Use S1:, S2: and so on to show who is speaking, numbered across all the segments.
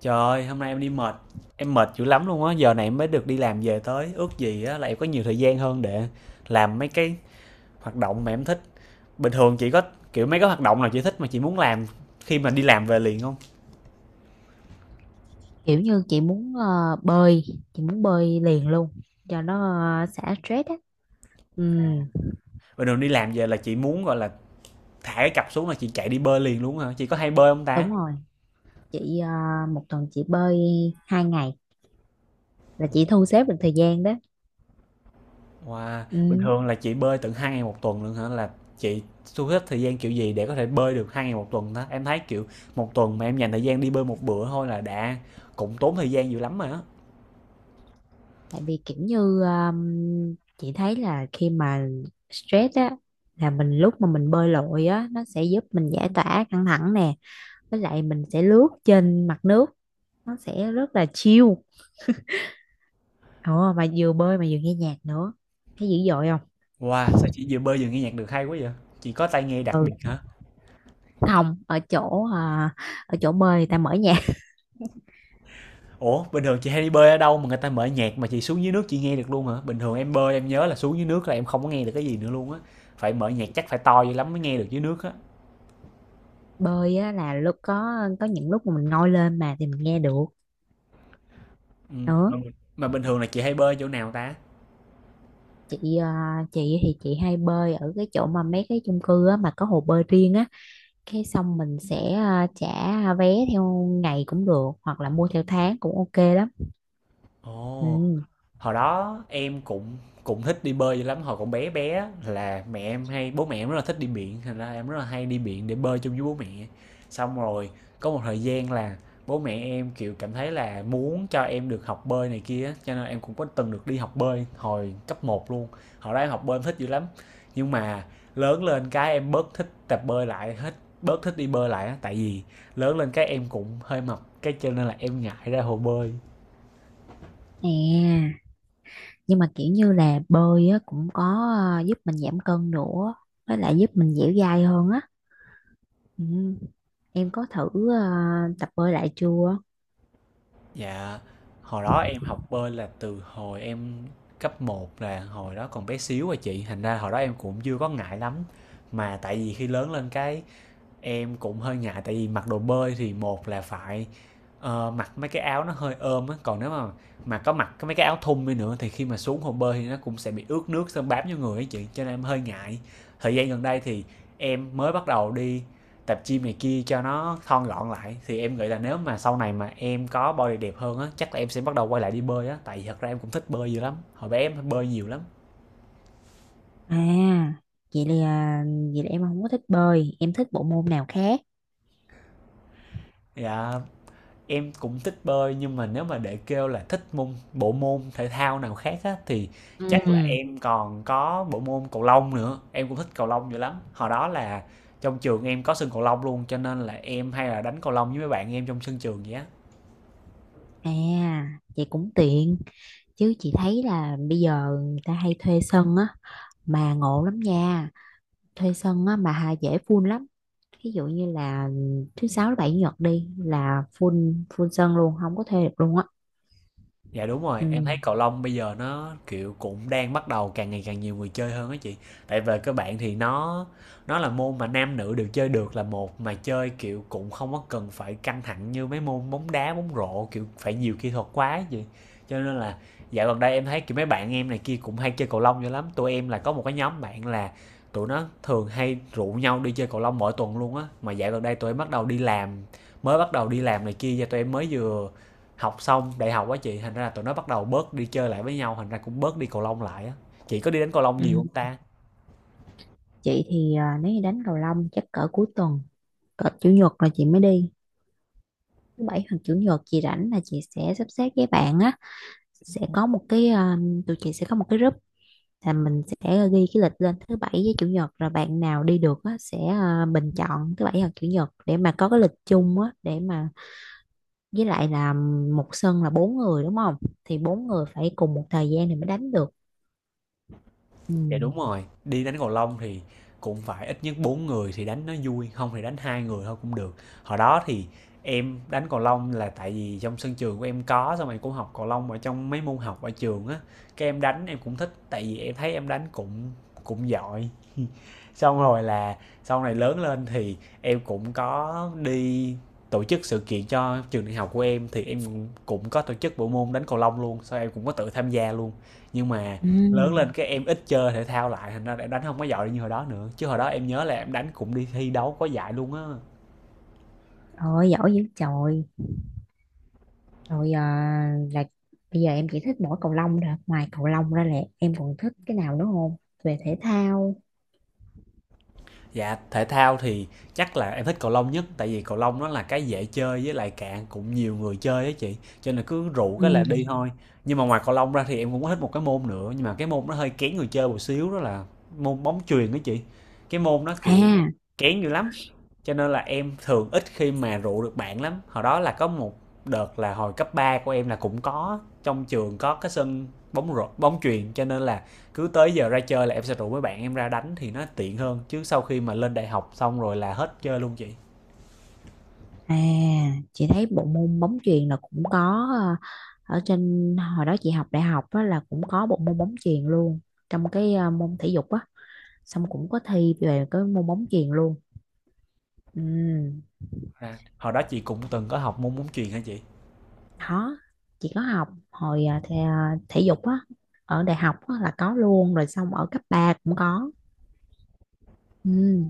S1: Trời ơi, hôm nay em đi mệt, em mệt dữ lắm luôn á, giờ này em mới được đi làm về tới, ước gì á là em có nhiều thời gian hơn để làm mấy cái hoạt động mà em thích. Bình thường chị có kiểu mấy cái hoạt động nào chị thích mà chị muốn làm khi mà đi làm về liền không?
S2: Kiểu như chị muốn bơi, chị muốn bơi liền luôn cho nó xả stress á. Ừ.
S1: Bình thường đi làm về là chị muốn gọi là thả cái cặp xuống là chị chạy đi bơi liền luôn hả? Chị có hay bơi không ta?
S2: Đúng rồi. Chị một tuần chị bơi 2 ngày, là chị thu xếp được thời gian đó.
S1: Wow, bình
S2: Ừ.
S1: thường là chị bơi tận hai ngày một tuần luôn hả? Là chị thu hết thời gian kiểu gì để có thể bơi được hai ngày một tuần đó? Em thấy kiểu một tuần mà em dành thời gian đi bơi một bữa thôi là đã cũng tốn thời gian dữ lắm rồi á.
S2: Tại vì kiểu như chị thấy là khi mà stress á, là mình lúc mà mình bơi lội á nó sẽ giúp mình giải tỏa căng thẳng nè, với lại mình sẽ lướt trên mặt nước, nó sẽ rất là chill. Ồ mà vừa bơi mà vừa nghe nhạc nữa, thấy dữ dội.
S1: Wow, sao chị vừa bơi vừa nghe nhạc được hay quá vậy? Chị có tai nghe đặc
S2: Không.
S1: biệt hả?
S2: Không, ở chỗ à, ở chỗ bơi người ta mở nhạc.
S1: Ủa, bình thường chị hay đi bơi ở đâu mà người ta mở nhạc mà chị xuống dưới nước chị nghe được luôn hả? Bình thường em bơi em nhớ là xuống dưới nước là em không có nghe được cái gì nữa luôn á. Phải mở nhạc chắc phải to dữ lắm mới nghe được dưới nước á.
S2: Bơi á, là lúc có những lúc mà mình ngồi lên mà thì mình nghe được
S1: Ừ.
S2: nữa.
S1: Mà, mà, bình thường là chị hay bơi chỗ nào ta?
S2: Chị à, chị thì chị hay bơi ở cái chỗ mà mấy cái chung cư á, mà có hồ bơi riêng á, cái xong mình sẽ trả vé theo ngày cũng được, hoặc là mua theo tháng cũng ok lắm.
S1: Ồ,
S2: Ừ.
S1: hồi đó em cũng cũng thích đi bơi dữ lắm hồi còn bé bé, là mẹ em hay bố mẹ em rất là thích đi biển, thành ra em rất là hay đi biển để bơi chung với bố mẹ. Xong rồi có một thời gian là bố mẹ em kiểu cảm thấy là muốn cho em được học bơi này kia á, cho nên em cũng có từng được đi học bơi hồi cấp một luôn. Hồi đó em học bơi em thích dữ lắm, nhưng mà lớn lên cái em bớt thích tập bơi lại hết, bớt thích đi bơi lại á, tại vì lớn lên cái em cũng hơi mập, cái cho nên là em ngại ra hồ bơi.
S2: Nè, nhưng mà kiểu như là bơi á, cũng có giúp mình giảm cân nữa, với lại giúp mình dẻo dai hơn á. Ừ. Em có thử tập bơi lại chưa?
S1: Dạ, hồi đó em học bơi là từ hồi em cấp một, là hồi đó còn bé xíu à chị, thành ra hồi đó em cũng chưa có ngại lắm. Mà tại vì khi lớn lên cái em cũng hơi ngại, tại vì mặc đồ bơi thì một là phải, mặc mấy cái áo nó hơi ôm á, còn nếu mà có mặc cái mấy cái áo thun đi nữa thì khi mà xuống hồ bơi thì nó cũng sẽ bị ướt nước xong bám vô người ấy chị, cho nên em hơi ngại. Thời gian gần đây thì em mới bắt đầu đi tập gym này kia cho nó thon gọn lại, thì em nghĩ là nếu mà sau này mà em có body đẹp hơn á, chắc là em sẽ bắt đầu quay lại đi bơi á, tại vì thật ra em cũng thích bơi dữ lắm, hồi bé em bơi nhiều lắm.
S2: À, vậy là vậy là em không có thích bơi, em thích bộ môn nào khác.
S1: Dạ. Em cũng thích bơi, nhưng mà nếu mà để kêu là thích bộ môn thể thao nào khác á, thì chắc là
S2: Ừ.
S1: em còn có bộ môn cầu lông nữa, em cũng thích cầu lông dữ lắm. Hồi đó là trong trường em có sân cầu lông luôn, cho nên là em hay là đánh cầu lông với mấy bạn em trong sân trường vậy á.
S2: À, vậy cũng tiện, chứ chị thấy là bây giờ người ta hay thuê sân á, mà ngộ lắm nha. Thuê sân á mà hà dễ full lắm. Ví dụ như là thứ sáu, thứ bảy, chủ nhật đi là full full sân luôn, không có thuê được luôn á.
S1: Dạ đúng rồi,
S2: Ừ.
S1: em thấy cầu lông bây giờ nó kiểu cũng đang bắt đầu càng ngày càng nhiều người chơi hơn á chị. Tại về các bạn thì nó là môn mà nam nữ đều chơi được là một, mà chơi kiểu cũng không có cần phải căng thẳng như mấy môn bóng đá, bóng rổ kiểu phải nhiều kỹ thuật quá á chị. Cho nên là dạo gần đây em thấy kiểu mấy bạn em này kia cũng hay chơi cầu lông dữ lắm. Tụi em là có một cái nhóm bạn là tụi nó thường hay rủ nhau đi chơi cầu lông mỗi tuần luôn á. Mà dạo gần đây tụi em bắt đầu đi làm, mới bắt đầu đi làm này kia, và tụi em mới vừa học xong đại học á chị, thành ra là tụi nó bắt đầu bớt đi chơi lại với nhau, thành ra cũng bớt đi cầu lông lại á. Chị có đi đánh cầu lông nhiều
S2: Ừ.
S1: không ta?
S2: Chị thì à, nếu như đánh cầu lông chắc cỡ cuối tuần, cỡ chủ nhật là chị mới đi. Thứ bảy hoặc chủ nhật chị rảnh là chị sẽ sắp xếp với bạn á, sẽ có một cái tụi chị sẽ có một cái group, là mình sẽ ghi cái lịch lên thứ bảy với chủ nhật, rồi bạn nào đi được á, sẽ bình chọn thứ bảy hoặc chủ nhật để mà có cái lịch chung á để mà, với lại là một sân là bốn người đúng không, thì bốn người phải cùng một thời gian thì mới đánh được. Ừ.
S1: Dạ đúng rồi, đi đánh cầu lông thì cũng phải ít nhất bốn người thì đánh nó vui, không thì đánh hai người thôi cũng được. Hồi đó thì em đánh cầu lông là tại vì trong sân trường của em có, xong rồi cũng học cầu lông ở trong mấy môn học ở trường á, cái em đánh em cũng thích, tại vì em thấy em đánh cũng cũng giỏi. Xong rồi là sau này lớn lên thì em cũng có đi tổ chức sự kiện cho trường đại học của em, thì có tổ chức bộ môn đánh cầu lông luôn, sau em cũng có tự tham gia luôn, nhưng mà
S2: Ừ.
S1: lớn lên cái em ít chơi thể thao lại, thành ra em đánh không có giỏi như hồi đó nữa, chứ hồi đó em nhớ là em đánh cũng đi thi đấu có giải luôn á.
S2: Ôi giỏi dữ trời. Rồi à, là bây giờ em chỉ thích mỗi cầu lông thôi, ngoài cầu lông ra là em còn thích cái nào nữa không, về thể thao?
S1: Dạ thể thao thì chắc là em thích cầu lông nhất, tại vì cầu lông nó là cái dễ chơi, với lại cạn cũng nhiều người chơi á chị, cho nên cứ rủ cái là đi
S2: Ừ.
S1: thôi. Nhưng mà ngoài cầu lông ra thì em cũng có thích một cái môn nữa, nhưng mà cái môn nó hơi kén người chơi một xíu, đó là môn bóng chuyền đó chị, cái môn nó kiểu
S2: À.
S1: kén dữ lắm. Cho nên là em thường ít khi mà rủ được bạn lắm. Hồi đó là có một đợt là hồi cấp 3 của em là cũng có, trong trường có cái sân bóng rổ, bóng chuyền, cho nên là cứ tới giờ ra chơi là em sẽ rủ mấy bạn em ra đánh thì nó tiện hơn, chứ sau khi mà lên đại học xong rồi là hết chơi luôn chị.
S2: À, chị thấy bộ môn bóng chuyền là cũng có ở trên hồi đó chị học đại học á, là cũng có bộ môn bóng chuyền luôn, trong cái môn thể dục á, xong cũng có thi về cái môn bóng chuyền luôn. Ừ.
S1: À, hồi đó chị cũng từng có học môn bóng chuyền hả chị?
S2: Đó, chị có học hồi thể dục á ở đại học á, là có luôn, rồi xong ở cấp ba cũng có. Ừ,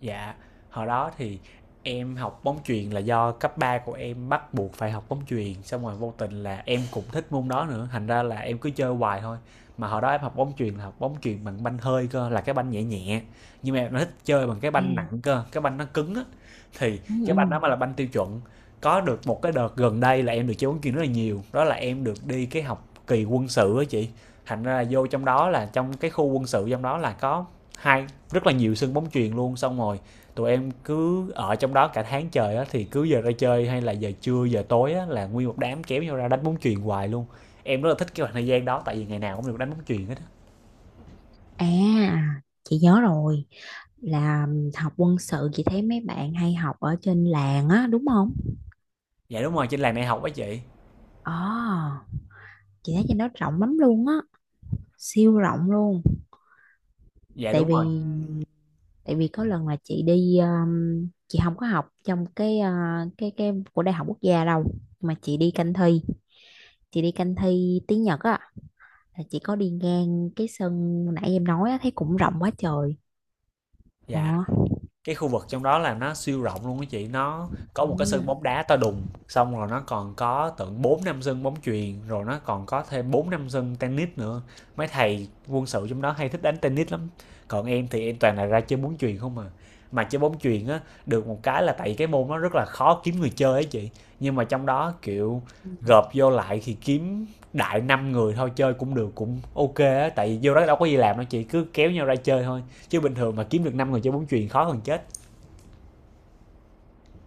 S1: Dạ, hồi đó thì em học bóng chuyền là do cấp 3 của em bắt buộc phải học bóng chuyền, xong rồi vô tình là em cũng thích môn đó nữa, thành ra là em cứ chơi hoài thôi. Mà hồi đó em học bóng chuyền là học bóng chuyền bằng banh hơi cơ, là cái banh nhẹ nhẹ. Nhưng mà em lại thích chơi bằng cái
S2: à,
S1: banh nặng cơ, cái banh nó cứng á. Thì
S2: ừ,
S1: cái banh
S2: ừ.
S1: đó mới là banh tiêu chuẩn. Có được một cái đợt gần đây là em được chơi bóng chuyền rất là nhiều, đó là em được đi cái học kỳ quân sự á chị. Thành ra là vô trong đó là trong cái khu quân sự, trong đó là có hai rất là nhiều sân bóng chuyền luôn, xong rồi tụi em cứ ở trong đó cả tháng trời á, thì cứ giờ ra chơi hay là giờ trưa giờ tối á là nguyên một đám kéo nhau ra đánh bóng chuyền hoài luôn. Em rất là thích cái khoảng thời gian đó, tại vì ngày nào cũng được đánh bóng chuyền hết á.
S2: À, chị nhớ rồi, là học quân sự chị thấy mấy bạn hay học ở trên làng á đúng không?
S1: Dạ đúng rồi, trên làng đại học á chị.
S2: Ờ, chị thấy trên đó rộng lắm luôn á, siêu rộng luôn.
S1: Dạ
S2: tại
S1: đúng rồi.
S2: vì tại vì có lần là chị đi chị không có học trong cái cái của đại học quốc gia đâu, mà chị đi canh thi tiếng Nhật á, là chị có đi ngang cái sân nãy em nói á, thấy cũng rộng quá trời. Ờ.
S1: Dạ cái khu vực trong đó là nó siêu rộng luôn á chị, nó có một cái
S2: Ừ.
S1: sân bóng đá to đùng, xong rồi nó còn có tận bốn năm sân bóng chuyền, rồi nó còn có thêm bốn năm sân tennis nữa. Mấy thầy quân sự trong đó hay thích đánh tennis lắm, còn em thì em toàn là ra chơi bóng chuyền không à. Mà chơi bóng chuyền á, được một cái là tại cái môn nó rất là khó kiếm người chơi ấy chị, nhưng mà trong đó kiểu gộp vô lại thì kiếm đại năm người thôi chơi cũng được, cũng ok á, tại vì vô đó đâu có gì làm đâu chị, cứ kéo nhau ra chơi thôi, chứ bình thường mà kiếm được 5 người chơi bóng chuyền khó hơn chết.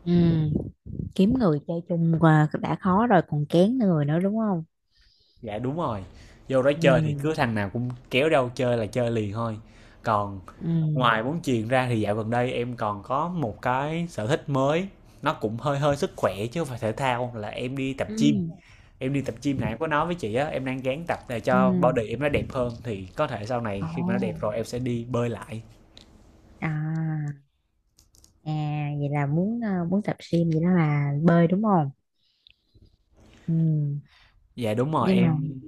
S2: Ừ. Kiếm người chơi chung là đã khó rồi còn kén người nữa đúng không?
S1: Dạ đúng rồi, vô đó
S2: Ừ.
S1: chơi thì cứ thằng nào cũng kéo đâu chơi là chơi liền thôi. Còn
S2: Ừ.
S1: ngoài bóng chuyền ra thì dạo gần đây em còn có một cái sở thích mới, nó cũng hơi hơi sức khỏe chứ không phải thể thao, là em đi tập gym
S2: Ừ.
S1: em đi tập gym này em có nói với chị á, em đang gán tập để
S2: Ừ.
S1: cho body em nó đẹp hơn, thì có thể sau này
S2: Ồ.
S1: khi mà nó đẹp rồi em sẽ đi bơi lại.
S2: À. À, vậy là muốn muốn tập gym, vậy đó là bơi đúng không? Ừ.
S1: Dạ đúng rồi
S2: Nhưng mà
S1: em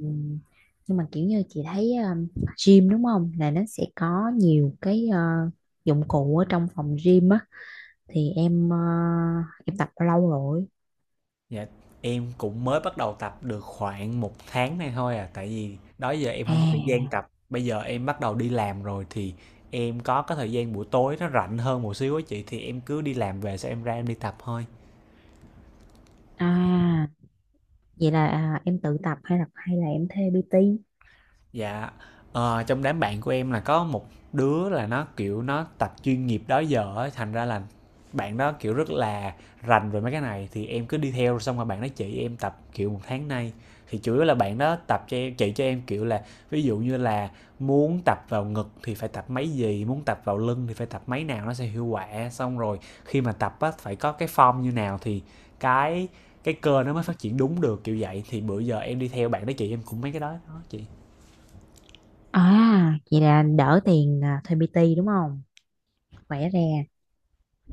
S2: nhưng mà kiểu như chị thấy gym đúng không? Là nó sẽ có nhiều cái dụng cụ ở trong phòng gym á, thì em em tập bao lâu rồi?
S1: Dạ, em cũng mới bắt đầu tập được khoảng một tháng nay thôi à, tại vì đó giờ em không có thời gian
S2: À.
S1: tập. Bây giờ em bắt đầu đi làm rồi thì em có cái thời gian buổi tối nó rảnh hơn một xíu á chị, thì em cứ đi làm về sau em ra em đi tập thôi.
S2: À, vậy là à, em tự tập hay là em thuê PT?
S1: Dạ, trong đám bạn của em là có một đứa là nó, kiểu, nó tập chuyên nghiệp đó giờ á, thành ra là bạn đó, kiểu, rất là rành về mấy cái này thì em cứ đi theo xong rồi bạn đó chỉ em tập, kiểu, một tháng nay. Thì chủ yếu là bạn đó tập cho em chỉ cho em, kiểu là, ví dụ như là muốn tập vào ngực thì phải tập mấy gì, muốn tập vào lưng thì phải tập mấy nào nó sẽ hiệu quả, xong rồi khi mà tập á phải có cái form như nào thì cái cái cơ nó mới phát triển đúng được, kiểu vậy. Thì bữa giờ em đi theo bạn đó chị em cũng mấy cái đó đó chị.
S2: À, vậy là đỡ tiền à, thuê PT đúng không? Khỏe ra.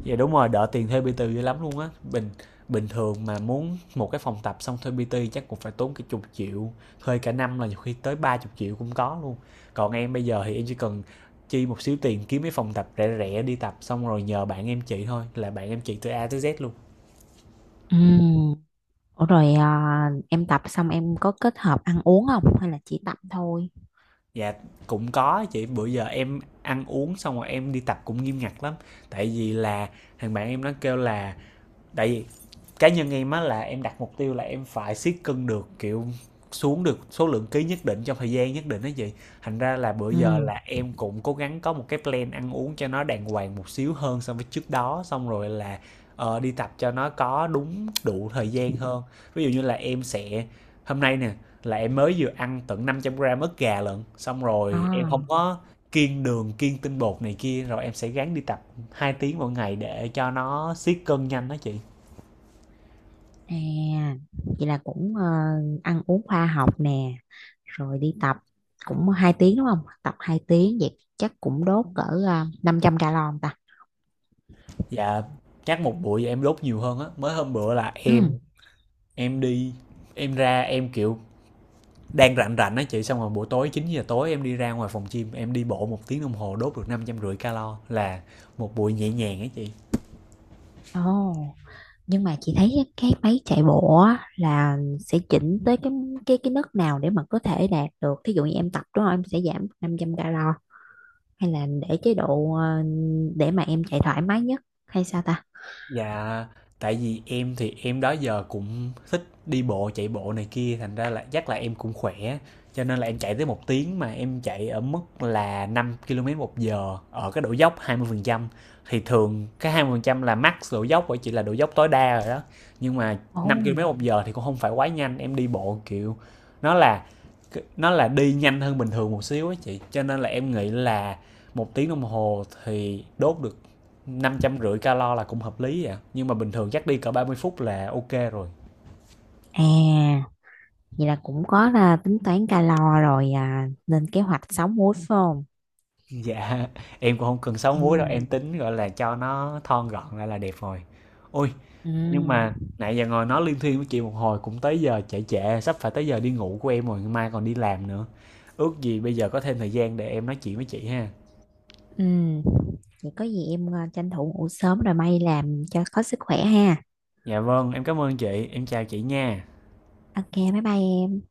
S1: Dạ đúng rồi, đỡ tiền thuê PT dữ lắm luôn á. Bình bình thường mà muốn một cái phòng tập xong thuê PT chắc cũng phải tốn cái chục triệu, thuê cả năm là nhiều khi tới 30 triệu cũng có luôn. Còn em bây giờ thì em chỉ cần chi một xíu tiền kiếm cái phòng tập rẻ rẻ đi tập xong rồi nhờ bạn em chị thôi, là bạn em chị từ A tới Z luôn.
S2: Ừ. Ủa rồi à, em tập xong em có kết hợp ăn uống không, hay là chỉ tập thôi?
S1: Dạ cũng có chị, bữa giờ em ăn uống xong rồi em đi tập cũng nghiêm ngặt lắm, tại vì là thằng bạn em nó kêu là, tại vì cá nhân em á là em đặt mục tiêu là em phải siết cân được, kiểu xuống được số lượng ký nhất định trong thời gian nhất định đó chị. Thành ra là bữa giờ
S2: Ừ.
S1: là em cũng cố gắng có một cái plan ăn uống cho nó đàng hoàng một xíu hơn so với trước đó, xong rồi là đi tập cho nó có đúng đủ thời gian hơn. Ví dụ như là em sẽ, hôm nay nè, là em mới vừa ăn tận 500 gram ức gà lận, xong rồi em
S2: À,
S1: không có kiêng đường kiêng tinh bột này kia, rồi em sẽ gắng đi tập 2 tiếng mỗi ngày để cho nó siết cân nhanh đó chị.
S2: à, vậy là cũng ăn uống khoa học nè, rồi đi tập cũng 2 tiếng đúng không? Tập 2 tiếng vậy chắc cũng đốt cỡ 500 calo không ta.
S1: Dạ, chắc một bụi em đốt nhiều hơn á. Mới hôm bữa là em
S2: Ừ.
S1: em đi, em ra em kiểu đang rảnh rảnh á chị, xong rồi buổi tối 9 giờ tối em đi ra ngoài phòng gym em đi bộ một tiếng đồng hồ đốt được 550 calo, là một buổi nhẹ nhàng á chị.
S2: Ồ, nhưng mà chị thấy cái máy chạy bộ á, là sẽ chỉnh tới cái mức nào để mà có thể đạt được. Thí dụ như em tập đúng không? Em sẽ giảm 500 calo, hay là để chế độ để mà em chạy thoải mái nhất, hay sao ta?
S1: Dạ, tại vì em thì em đó giờ cũng thích đi bộ, chạy bộ này kia, thành ra là chắc là em cũng khỏe. Cho nên là em chạy tới một tiếng mà em chạy ở mức là 5 km một giờ ở cái độ dốc 20%. Thì thường cái 20% là max độ dốc, bởi chỉ là độ dốc tối đa rồi đó. Nhưng mà
S2: Ồ.
S1: 5 km một giờ thì cũng không phải quá nhanh, em đi bộ kiểu nó là nó là đi nhanh hơn bình thường một xíu á chị. Cho nên là em nghĩ là một tiếng đồng hồ thì đốt được 550 calo là cũng hợp lý vậy, nhưng mà bình thường chắc đi cỡ 30 phút là ok rồi.
S2: À, vậy là cũng có là tính toán calo rồi à, nên kế hoạch sống muối phải không?
S1: Dạ em cũng không cần sáu múi đâu,
S2: Ừ.
S1: em tính gọi là cho nó thon gọn lại là đẹp rồi. Ôi,
S2: Ừ.
S1: nhưng mà nãy giờ ngồi nói liên thiên với chị một hồi cũng tới giờ trễ trễ, sắp phải tới giờ đi ngủ của em rồi, mai còn đi làm nữa. Ước gì bây giờ có thêm thời gian để em nói chuyện với chị ha.
S2: Ừ. Vậy có gì em tranh thủ ngủ sớm rồi may làm cho có sức khỏe ha.
S1: Dạ vâng em cảm ơn chị, em chào chị nha.
S2: Ok, bye bye em.